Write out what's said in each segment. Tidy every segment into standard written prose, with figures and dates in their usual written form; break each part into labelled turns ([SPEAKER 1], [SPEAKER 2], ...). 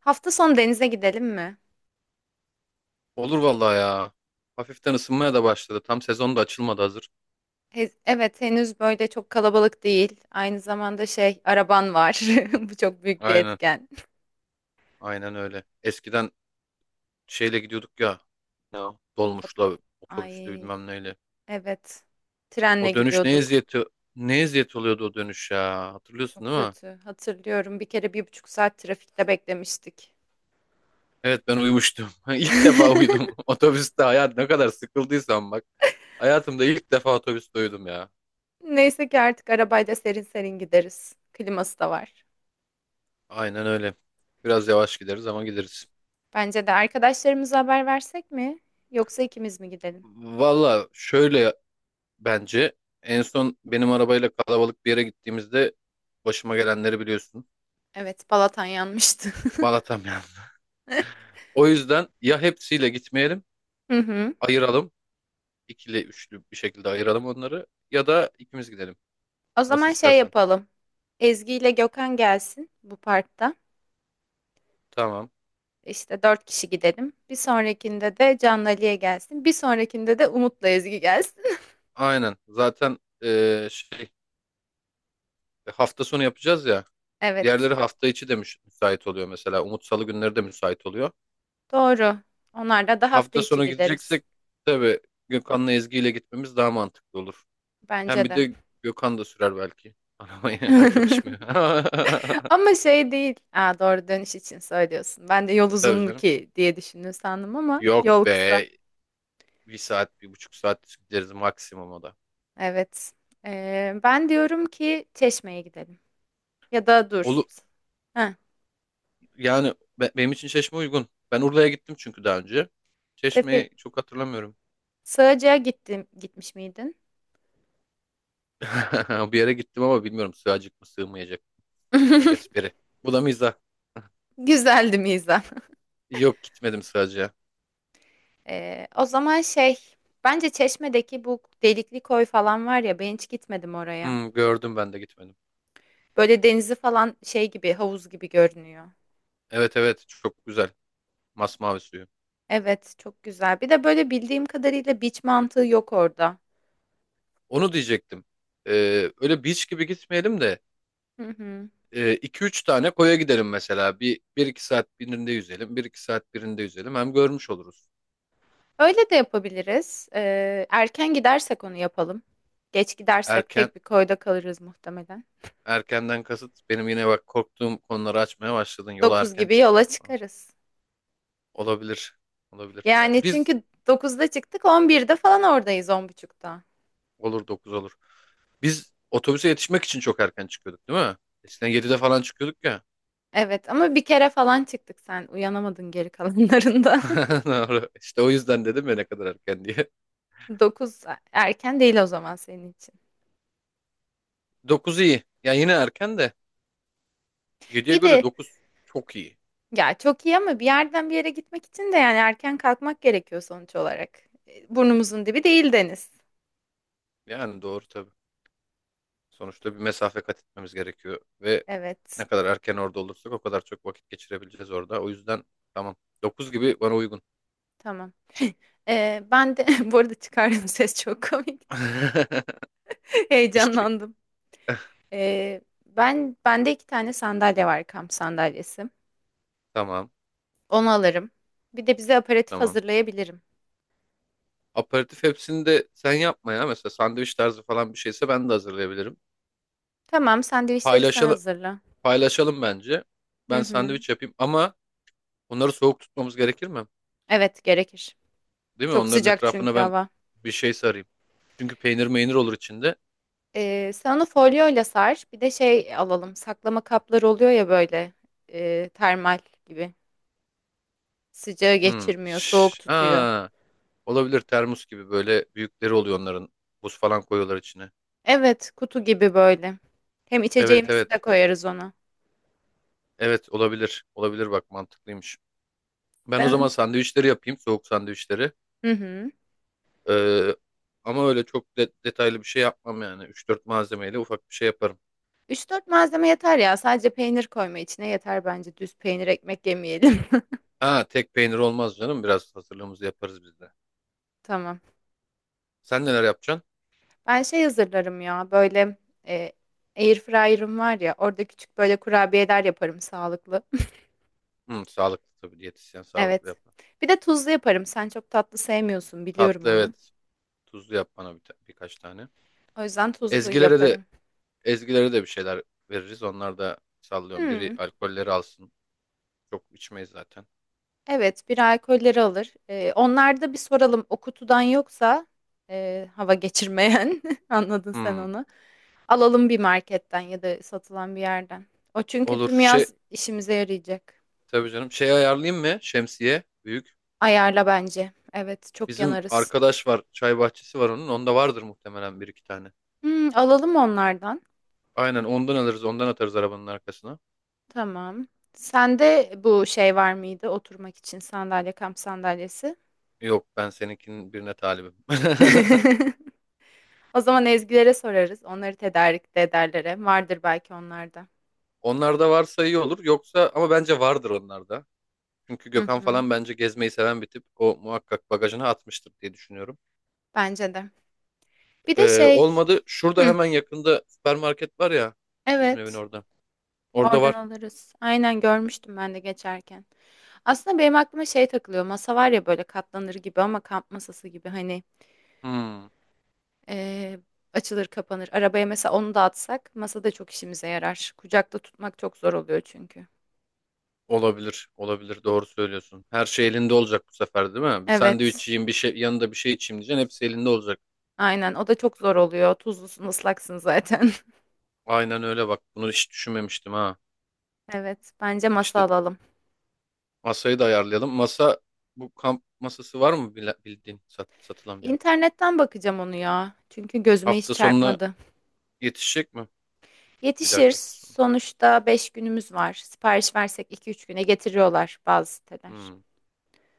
[SPEAKER 1] Hafta sonu denize gidelim mi?
[SPEAKER 2] Olur vallahi ya. Hafiften ısınmaya da başladı. Tam sezon da açılmadı hazır.
[SPEAKER 1] Evet, henüz böyle çok kalabalık değil. Aynı zamanda şey, araban var. Bu çok büyük bir
[SPEAKER 2] Aynen.
[SPEAKER 1] etken.
[SPEAKER 2] Aynen öyle. Eskiden şeyle gidiyorduk ya. Ne o?
[SPEAKER 1] O-
[SPEAKER 2] Dolmuşla, otobüsle
[SPEAKER 1] Ay,
[SPEAKER 2] bilmem neyle.
[SPEAKER 1] evet. Trenle
[SPEAKER 2] O dönüş
[SPEAKER 1] gidiyorduk.
[SPEAKER 2] ne eziyet oluyordu o dönüş ya. Hatırlıyorsun
[SPEAKER 1] Çok
[SPEAKER 2] değil mi?
[SPEAKER 1] kötü. Hatırlıyorum. Bir kere bir buçuk saat trafikte beklemiştik.
[SPEAKER 2] Evet ben uyumuştum. İlk defa uyudum. Otobüste hayat ne kadar sıkıldıysam bak. Hayatımda ilk defa otobüste uyudum ya.
[SPEAKER 1] Neyse ki artık arabayla serin serin gideriz. Kliması da var.
[SPEAKER 2] Aynen öyle. Biraz yavaş gideriz ama gideriz.
[SPEAKER 1] Bence de arkadaşlarımıza haber versek mi? Yoksa ikimiz mi gidelim?
[SPEAKER 2] Valla şöyle bence. En son benim arabayla kalabalık bir yere gittiğimizde başıma gelenleri biliyorsun.
[SPEAKER 1] Evet, Balatan yanmıştı.
[SPEAKER 2] Malatam yani. O yüzden ya hepsiyle gitmeyelim,
[SPEAKER 1] Hı hı.
[SPEAKER 2] ayıralım. İkili, üçlü bir şekilde ayıralım onları. Ya da ikimiz gidelim.
[SPEAKER 1] O
[SPEAKER 2] Nasıl
[SPEAKER 1] zaman şey
[SPEAKER 2] istersen.
[SPEAKER 1] yapalım. Ezgi ile Gökhan gelsin bu parkta.
[SPEAKER 2] Tamam.
[SPEAKER 1] İşte dört kişi gidelim. Bir sonrakinde de Canlı Ali'ye gelsin. Bir sonrakinde de Umut'la Ezgi gelsin.
[SPEAKER 2] Aynen. Zaten şey hafta sonu yapacağız ya.
[SPEAKER 1] Evet,
[SPEAKER 2] Diğerleri hafta içi de müsait oluyor mesela. Umut Salı günleri de müsait oluyor.
[SPEAKER 1] doğru. Onlarla da hafta
[SPEAKER 2] Hafta
[SPEAKER 1] içi
[SPEAKER 2] sonu
[SPEAKER 1] gideriz.
[SPEAKER 2] gideceksek tabii Gökhan'la Ezgi ile gitmemiz daha mantıklı olur. Hem
[SPEAKER 1] Bence
[SPEAKER 2] bir
[SPEAKER 1] de.
[SPEAKER 2] de Gökhan da sürer belki. Arabayı o çok içmiyor.
[SPEAKER 1] Ama şey değil. Aa, doğru, dönüş için söylüyorsun. Ben de yol uzun
[SPEAKER 2] Tabii
[SPEAKER 1] mu
[SPEAKER 2] canım.
[SPEAKER 1] ki diye düşündüm sandım ama yol
[SPEAKER 2] Yok
[SPEAKER 1] kısa.
[SPEAKER 2] be. Bir saat, 1,5 saat gideriz maksimum o da.
[SPEAKER 1] Evet. Ben diyorum ki Çeşme'ye gidelim. Ya da dur.
[SPEAKER 2] Olu
[SPEAKER 1] Ha.
[SPEAKER 2] Yani benim için Çeşme uygun. Ben Urla'ya gittim çünkü daha önce.
[SPEAKER 1] Heh.
[SPEAKER 2] Çeşme'yi çok hatırlamıyorum.
[SPEAKER 1] Sığacığa gittim, gitmiş miydin?
[SPEAKER 2] Bir yere gittim ama bilmiyorum sığacak mı sığmayacak bu espri. Bu da mizah.
[SPEAKER 1] Güzeldi mizah.
[SPEAKER 2] Yok gitmedim sadece.
[SPEAKER 1] Ee, o zaman şey, Bence Çeşme'deki bu delikli koy falan var ya, ben hiç gitmedim oraya.
[SPEAKER 2] Hmm, gördüm ben de gitmedim.
[SPEAKER 1] Böyle denizi falan şey gibi, havuz gibi görünüyor.
[SPEAKER 2] Evet, evet, çok güzel. Masmavi suyu.
[SPEAKER 1] Evet, çok güzel. Bir de böyle bildiğim kadarıyla beach mantığı yok orada.
[SPEAKER 2] Onu diyecektim. Öyle beach gibi gitmeyelim de
[SPEAKER 1] Hı hı.
[SPEAKER 2] 2 üç tane koya gidelim mesela. Bir iki saat birinde yüzelim. Bir iki saat birinde yüzelim. Hem görmüş oluruz.
[SPEAKER 1] Öyle de yapabiliriz. Erken gidersek onu yapalım. Geç gidersek
[SPEAKER 2] Erken
[SPEAKER 1] tek bir koyda kalırız muhtemelen.
[SPEAKER 2] Erkenden kasıt benim, yine bak korktuğum konuları açmaya başladın. Yola
[SPEAKER 1] 9
[SPEAKER 2] erken
[SPEAKER 1] gibi yola
[SPEAKER 2] çıkmak falan.
[SPEAKER 1] çıkarız.
[SPEAKER 2] Olabilir. Olabilir. E,
[SPEAKER 1] Yani
[SPEAKER 2] Biz
[SPEAKER 1] çünkü dokuzda çıktık on birde falan oradayız, on buçukta.
[SPEAKER 2] Olur, 9 olur. Biz otobüse yetişmek için çok erken çıkıyorduk değil mi? Eskiden 7'de falan çıkıyorduk ya.
[SPEAKER 1] Evet ama bir kere falan çıktık, sen uyanamadın geri kalanlarında.
[SPEAKER 2] Doğru. İşte o yüzden dedim ya ne kadar erken diye.
[SPEAKER 1] 9 erken değil o zaman senin için.
[SPEAKER 2] Dokuz iyi. Yani yine erken de, 7'ye
[SPEAKER 1] İyi
[SPEAKER 2] göre
[SPEAKER 1] de
[SPEAKER 2] 9 çok iyi.
[SPEAKER 1] ya çok iyi ama bir yerden bir yere gitmek için de yani erken kalkmak gerekiyor sonuç olarak. E, burnumuzun dibi değil deniz.
[SPEAKER 2] Yani doğru. Sonuçta bir mesafe kat etmemiz gerekiyor ve
[SPEAKER 1] Evet,
[SPEAKER 2] ne kadar erken orada olursak o kadar çok vakit geçirebileceğiz orada. O yüzden tamam. Dokuz gibi bana uygun.
[SPEAKER 1] tamam. Ben de bu arada çıkardım ses çok komik.
[SPEAKER 2] İş çek.
[SPEAKER 1] Heyecanlandım. Ben, bende iki tane sandalye var, kamp sandalyesi.
[SPEAKER 2] Tamam,
[SPEAKER 1] Onu alırım. Bir de bize aperatif
[SPEAKER 2] tamam.
[SPEAKER 1] hazırlayabilirim.
[SPEAKER 2] Aperatif hepsini de sen yapma ya. Mesela sandviç tarzı falan bir şeyse ben de hazırlayabilirim.
[SPEAKER 1] Tamam, sandviçleri sen
[SPEAKER 2] Paylaşalım,
[SPEAKER 1] hazırla.
[SPEAKER 2] paylaşalım bence.
[SPEAKER 1] Hı
[SPEAKER 2] Ben
[SPEAKER 1] hı.
[SPEAKER 2] sandviç yapayım, ama onları soğuk tutmamız gerekir mi?
[SPEAKER 1] Evet, gerekir.
[SPEAKER 2] Değil mi?
[SPEAKER 1] Çok
[SPEAKER 2] Onların
[SPEAKER 1] sıcak
[SPEAKER 2] etrafına
[SPEAKER 1] çünkü
[SPEAKER 2] ben
[SPEAKER 1] hava.
[SPEAKER 2] bir şey sarayım. Çünkü peynir meynir olur içinde.
[SPEAKER 1] Sen onu folyoyla sar. Bir de şey alalım. Saklama kapları oluyor ya böyle. Termal gibi. Sıcağı
[SPEAKER 2] Hmm.
[SPEAKER 1] geçirmiyor, soğuk tutuyor.
[SPEAKER 2] Olabilir, termos gibi böyle büyükleri oluyor onların. Buz falan koyuyorlar içine.
[SPEAKER 1] Evet, kutu gibi böyle. Hem
[SPEAKER 2] Evet,
[SPEAKER 1] içeceğimizi de
[SPEAKER 2] evet.
[SPEAKER 1] koyarız ona.
[SPEAKER 2] Evet, olabilir. Olabilir, bak mantıklıymış. Ben o zaman
[SPEAKER 1] Ben
[SPEAKER 2] sandviçleri yapayım. Soğuk sandviçleri.
[SPEAKER 1] hı hı.
[SPEAKER 2] Ee, Ama öyle çok detaylı bir şey yapmam yani. Üç dört malzemeyle ufak bir şey yaparım.
[SPEAKER 1] Üç dört malzeme yeter ya. Sadece peynir koyma içine yeter bence. Düz peynir ekmek yemeyelim.
[SPEAKER 2] Ha, tek peynir olmaz canım. Biraz hazırlığımızı yaparız biz de.
[SPEAKER 1] Tamam.
[SPEAKER 2] Sen neler yapacaksın?
[SPEAKER 1] Ben şey hazırlarım ya böyle e, air fryer'ım var ya, orada küçük böyle kurabiyeler yaparım sağlıklı.
[SPEAKER 2] Hı, sağlıklı tabii. Diyetisyen sağlıklı
[SPEAKER 1] Evet.
[SPEAKER 2] yapar.
[SPEAKER 1] Bir de tuzlu yaparım. Sen çok tatlı sevmiyorsun, biliyorum
[SPEAKER 2] Tatlı,
[SPEAKER 1] onu.
[SPEAKER 2] evet. Tuzlu yap bana birkaç tane.
[SPEAKER 1] O yüzden tuzlu
[SPEAKER 2] Ezgilere de
[SPEAKER 1] yaparım.
[SPEAKER 2] Ezgilere de bir şeyler veririz. Onlar da, sallıyorum. Biri
[SPEAKER 1] Hmm,
[SPEAKER 2] alkolleri alsın. Çok içmeyiz zaten.
[SPEAKER 1] evet, bir alkolleri alır. E, onlarda bir soralım o kutudan, yoksa hava geçirmeyen anladın sen
[SPEAKER 2] Hmm,
[SPEAKER 1] onu. Alalım bir marketten ya da satılan bir yerden. O çünkü
[SPEAKER 2] olur.
[SPEAKER 1] tüm
[SPEAKER 2] Şey,
[SPEAKER 1] yaz işimize yarayacak.
[SPEAKER 2] tabii canım. Şey ayarlayayım mı? Şemsiye. Büyük.
[SPEAKER 1] Ayarla bence. Evet, çok
[SPEAKER 2] Bizim
[SPEAKER 1] yanarız.
[SPEAKER 2] arkadaş var. Çay bahçesi var onun. Onda vardır muhtemelen bir iki tane.
[SPEAKER 1] Hmm, alalım onlardan.
[SPEAKER 2] Aynen ondan alırız. Ondan atarız arabanın arkasına.
[SPEAKER 1] Tamam. Sende bu şey var mıydı oturmak için, sandalye, kamp sandalyesi?
[SPEAKER 2] Yok, ben seninkinin birine talibim.
[SPEAKER 1] O zaman Ezgilere sorarız. Onları tedarik de ederler hem. Vardır belki onlarda.
[SPEAKER 2] Onlarda varsa iyi olur. Yoksa, ama bence vardır onlarda. Çünkü
[SPEAKER 1] Hı
[SPEAKER 2] Gökhan
[SPEAKER 1] hı.
[SPEAKER 2] falan bence gezmeyi seven bir tip. O muhakkak bagajına atmıştır diye düşünüyorum.
[SPEAKER 1] Bence de. Bir de şey.
[SPEAKER 2] Olmadı. Şurada
[SPEAKER 1] Hı,
[SPEAKER 2] hemen yakında süpermarket var ya. Bizim evin
[SPEAKER 1] evet.
[SPEAKER 2] orada. Orada
[SPEAKER 1] Oradan
[SPEAKER 2] var.
[SPEAKER 1] alırız. Aynen, görmüştüm ben de geçerken. Aslında benim aklıma şey takılıyor. Masa var ya böyle katlanır gibi ama kamp masası gibi, hani
[SPEAKER 2] Hmm.
[SPEAKER 1] Ee, açılır kapanır. Arabaya mesela onu da atsak masa da çok işimize yarar. Kucakta tutmak çok zor oluyor çünkü.
[SPEAKER 2] Olabilir, olabilir. Doğru söylüyorsun. Her şey elinde olacak bu sefer, değil mi? Bir
[SPEAKER 1] Evet.
[SPEAKER 2] sandviç yiyeyim, bir şey yanında, bir şey içeyim diyeceksin. Hepsi elinde olacak.
[SPEAKER 1] Aynen, o da çok zor oluyor. Tuzlusun, ıslaksın zaten.
[SPEAKER 2] Aynen öyle, bak. Bunu hiç düşünmemiştim ha.
[SPEAKER 1] Evet, bence masa
[SPEAKER 2] İşte
[SPEAKER 1] alalım.
[SPEAKER 2] masayı da ayarlayalım. Bu kamp masası var mı bildiğin satılan bir yer?
[SPEAKER 1] İnternetten bakacağım onu ya. Çünkü gözüme hiç
[SPEAKER 2] Hafta sonuna
[SPEAKER 1] çarpmadı.
[SPEAKER 2] yetişecek mi? Bir dahaki
[SPEAKER 1] Yetişir.
[SPEAKER 2] hafta sonu.
[SPEAKER 1] Sonuçta 5 günümüz var. Sipariş versek iki üç güne getiriyorlar bazı siteler.
[SPEAKER 2] Hmm,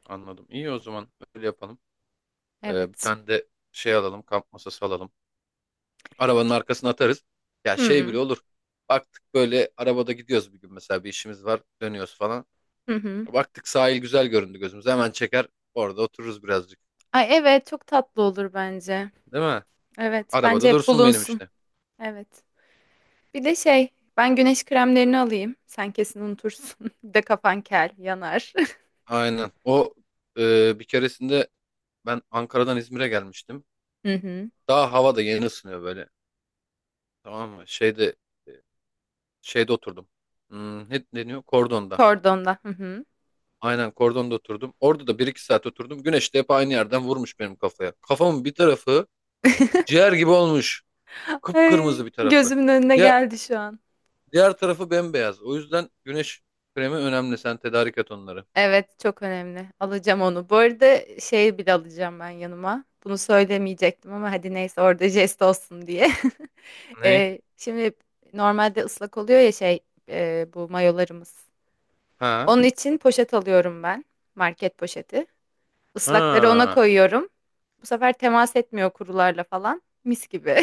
[SPEAKER 2] anladım. İyi, o zaman öyle yapalım. Bir
[SPEAKER 1] Evet.
[SPEAKER 2] tane de şey alalım, kamp masası alalım. Arabanın arkasına atarız. Ya şey bile
[SPEAKER 1] Hmm.
[SPEAKER 2] olur. Baktık böyle arabada gidiyoruz, bir gün mesela bir işimiz var, dönüyoruz falan.
[SPEAKER 1] Hı hı.
[SPEAKER 2] Baktık sahil güzel göründü gözümüze. Hemen çeker orada otururuz birazcık.
[SPEAKER 1] Ay, evet, çok tatlı olur bence.
[SPEAKER 2] Değil mi?
[SPEAKER 1] Evet, bence
[SPEAKER 2] Arabada
[SPEAKER 1] hep
[SPEAKER 2] dursun benim,
[SPEAKER 1] bulunsun.
[SPEAKER 2] işte.
[SPEAKER 1] Evet. Bir de şey, ben güneş kremlerini alayım. Sen kesin unutursun. Bir de kafan kel, yanar.
[SPEAKER 2] Aynen. Bir keresinde ben Ankara'dan İzmir'e gelmiştim.
[SPEAKER 1] Hı hı.
[SPEAKER 2] Daha hava da yeni ısınıyor böyle. Tamam mı? E, şeyde oturdum. Hmm, ne deniyor? Kordonda.
[SPEAKER 1] Kordonda. Hı hı.
[SPEAKER 2] Aynen, kordonda oturdum. Orada da bir iki saat oturdum. Güneş de hep aynı yerden vurmuş benim kafaya. Kafamın bir tarafı ciğer gibi olmuş. Kıpkırmızı
[SPEAKER 1] Ay,
[SPEAKER 2] bir tarafı.
[SPEAKER 1] gözümün önüne
[SPEAKER 2] Diğer,
[SPEAKER 1] geldi şu an.
[SPEAKER 2] diğer tarafı bembeyaz. O yüzden güneş kremi önemli. Sen tedarik et onları.
[SPEAKER 1] Evet, çok önemli. Alacağım onu. Bu arada şey bile alacağım ben yanıma. Bunu söylemeyecektim ama hadi neyse, orada jest olsun diye.
[SPEAKER 2] Ne?
[SPEAKER 1] Şimdi normalde ıslak oluyor ya şey bu mayolarımız.
[SPEAKER 2] Ha?
[SPEAKER 1] Onun için poşet alıyorum ben. Market poşeti. Islakları ona
[SPEAKER 2] Ha.
[SPEAKER 1] koyuyorum. Bu sefer temas etmiyor kurularla falan. Mis gibi.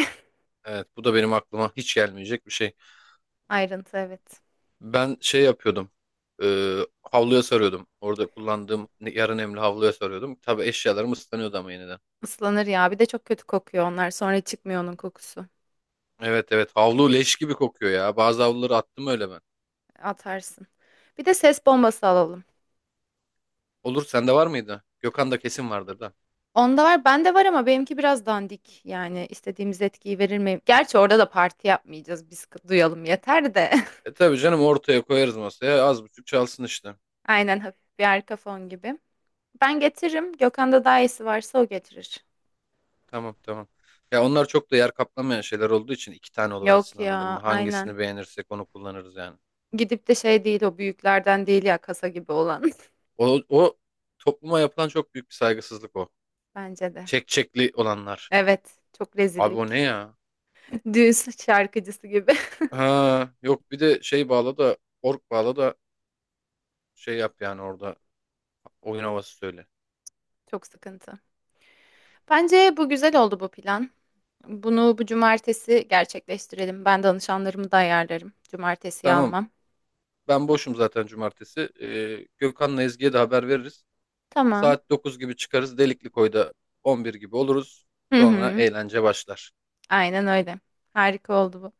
[SPEAKER 2] Evet, bu da benim aklıma hiç gelmeyecek bir şey.
[SPEAKER 1] Ayrıntı, evet.
[SPEAKER 2] Ben şey yapıyordum. e, Havluya sarıyordum. Orada kullandığım yarı nemli havluya sarıyordum. Tabii eşyalarım ıslanıyordu ama, yeniden.
[SPEAKER 1] Islanır ya. Bir de çok kötü kokuyor onlar. Sonra çıkmıyor onun kokusu.
[SPEAKER 2] Evet, evet, havlu leş gibi kokuyor ya. Bazı havluları attım öyle ben.
[SPEAKER 1] Atarsın. Bir de ses bombası alalım.
[SPEAKER 2] Olur, sende var mıydı? Gökhan'da kesin vardır da.
[SPEAKER 1] Onda var, bende var ama benimki biraz dandik. Yani istediğimiz etkiyi verir mi? Gerçi orada da parti yapmayacağız. Biz duyalım yeter de.
[SPEAKER 2] E tabii canım, ortaya koyarız masaya az buçuk çalsın işte.
[SPEAKER 1] Aynen, hafif bir arka fon gibi. Ben getiririm. Gökhan'da daha iyisi varsa o getirir.
[SPEAKER 2] Tamam, tamam. Ya onlar çok da yer kaplamayan şeyler olduğu için iki tane
[SPEAKER 1] Yok
[SPEAKER 2] oluversin, anladın
[SPEAKER 1] ya,
[SPEAKER 2] mı?
[SPEAKER 1] aynen.
[SPEAKER 2] Hangisini beğenirsek onu kullanırız yani.
[SPEAKER 1] Gidip de şey değil, o büyüklerden değil ya, kasa gibi olan.
[SPEAKER 2] O topluma yapılan çok büyük bir saygısızlık o.
[SPEAKER 1] Bence de.
[SPEAKER 2] Çek çekli olanlar.
[SPEAKER 1] Evet, çok
[SPEAKER 2] Abi o ne
[SPEAKER 1] rezillik.
[SPEAKER 2] ya?
[SPEAKER 1] Düğün şarkıcısı gibi.
[SPEAKER 2] Ha, yok bir de şey bağla da ork bağla da şey yap yani, orada oyun havası söyle.
[SPEAKER 1] Çok sıkıntı. Bence bu güzel oldu, bu plan. Bunu bu cumartesi gerçekleştirelim. Ben danışanlarımı da ayarlarım. Cumartesiyi
[SPEAKER 2] Tamam,
[SPEAKER 1] almam.
[SPEAKER 2] ben boşum zaten cumartesi. Gökhan'la Ezgi'ye de haber veririz.
[SPEAKER 1] Tamam.
[SPEAKER 2] Saat 9 gibi çıkarız, Delikli Koy'da 11 gibi oluruz.
[SPEAKER 1] Hı
[SPEAKER 2] Sonra
[SPEAKER 1] hı.
[SPEAKER 2] eğlence başlar.
[SPEAKER 1] Aynen öyle. Harika oldu bu.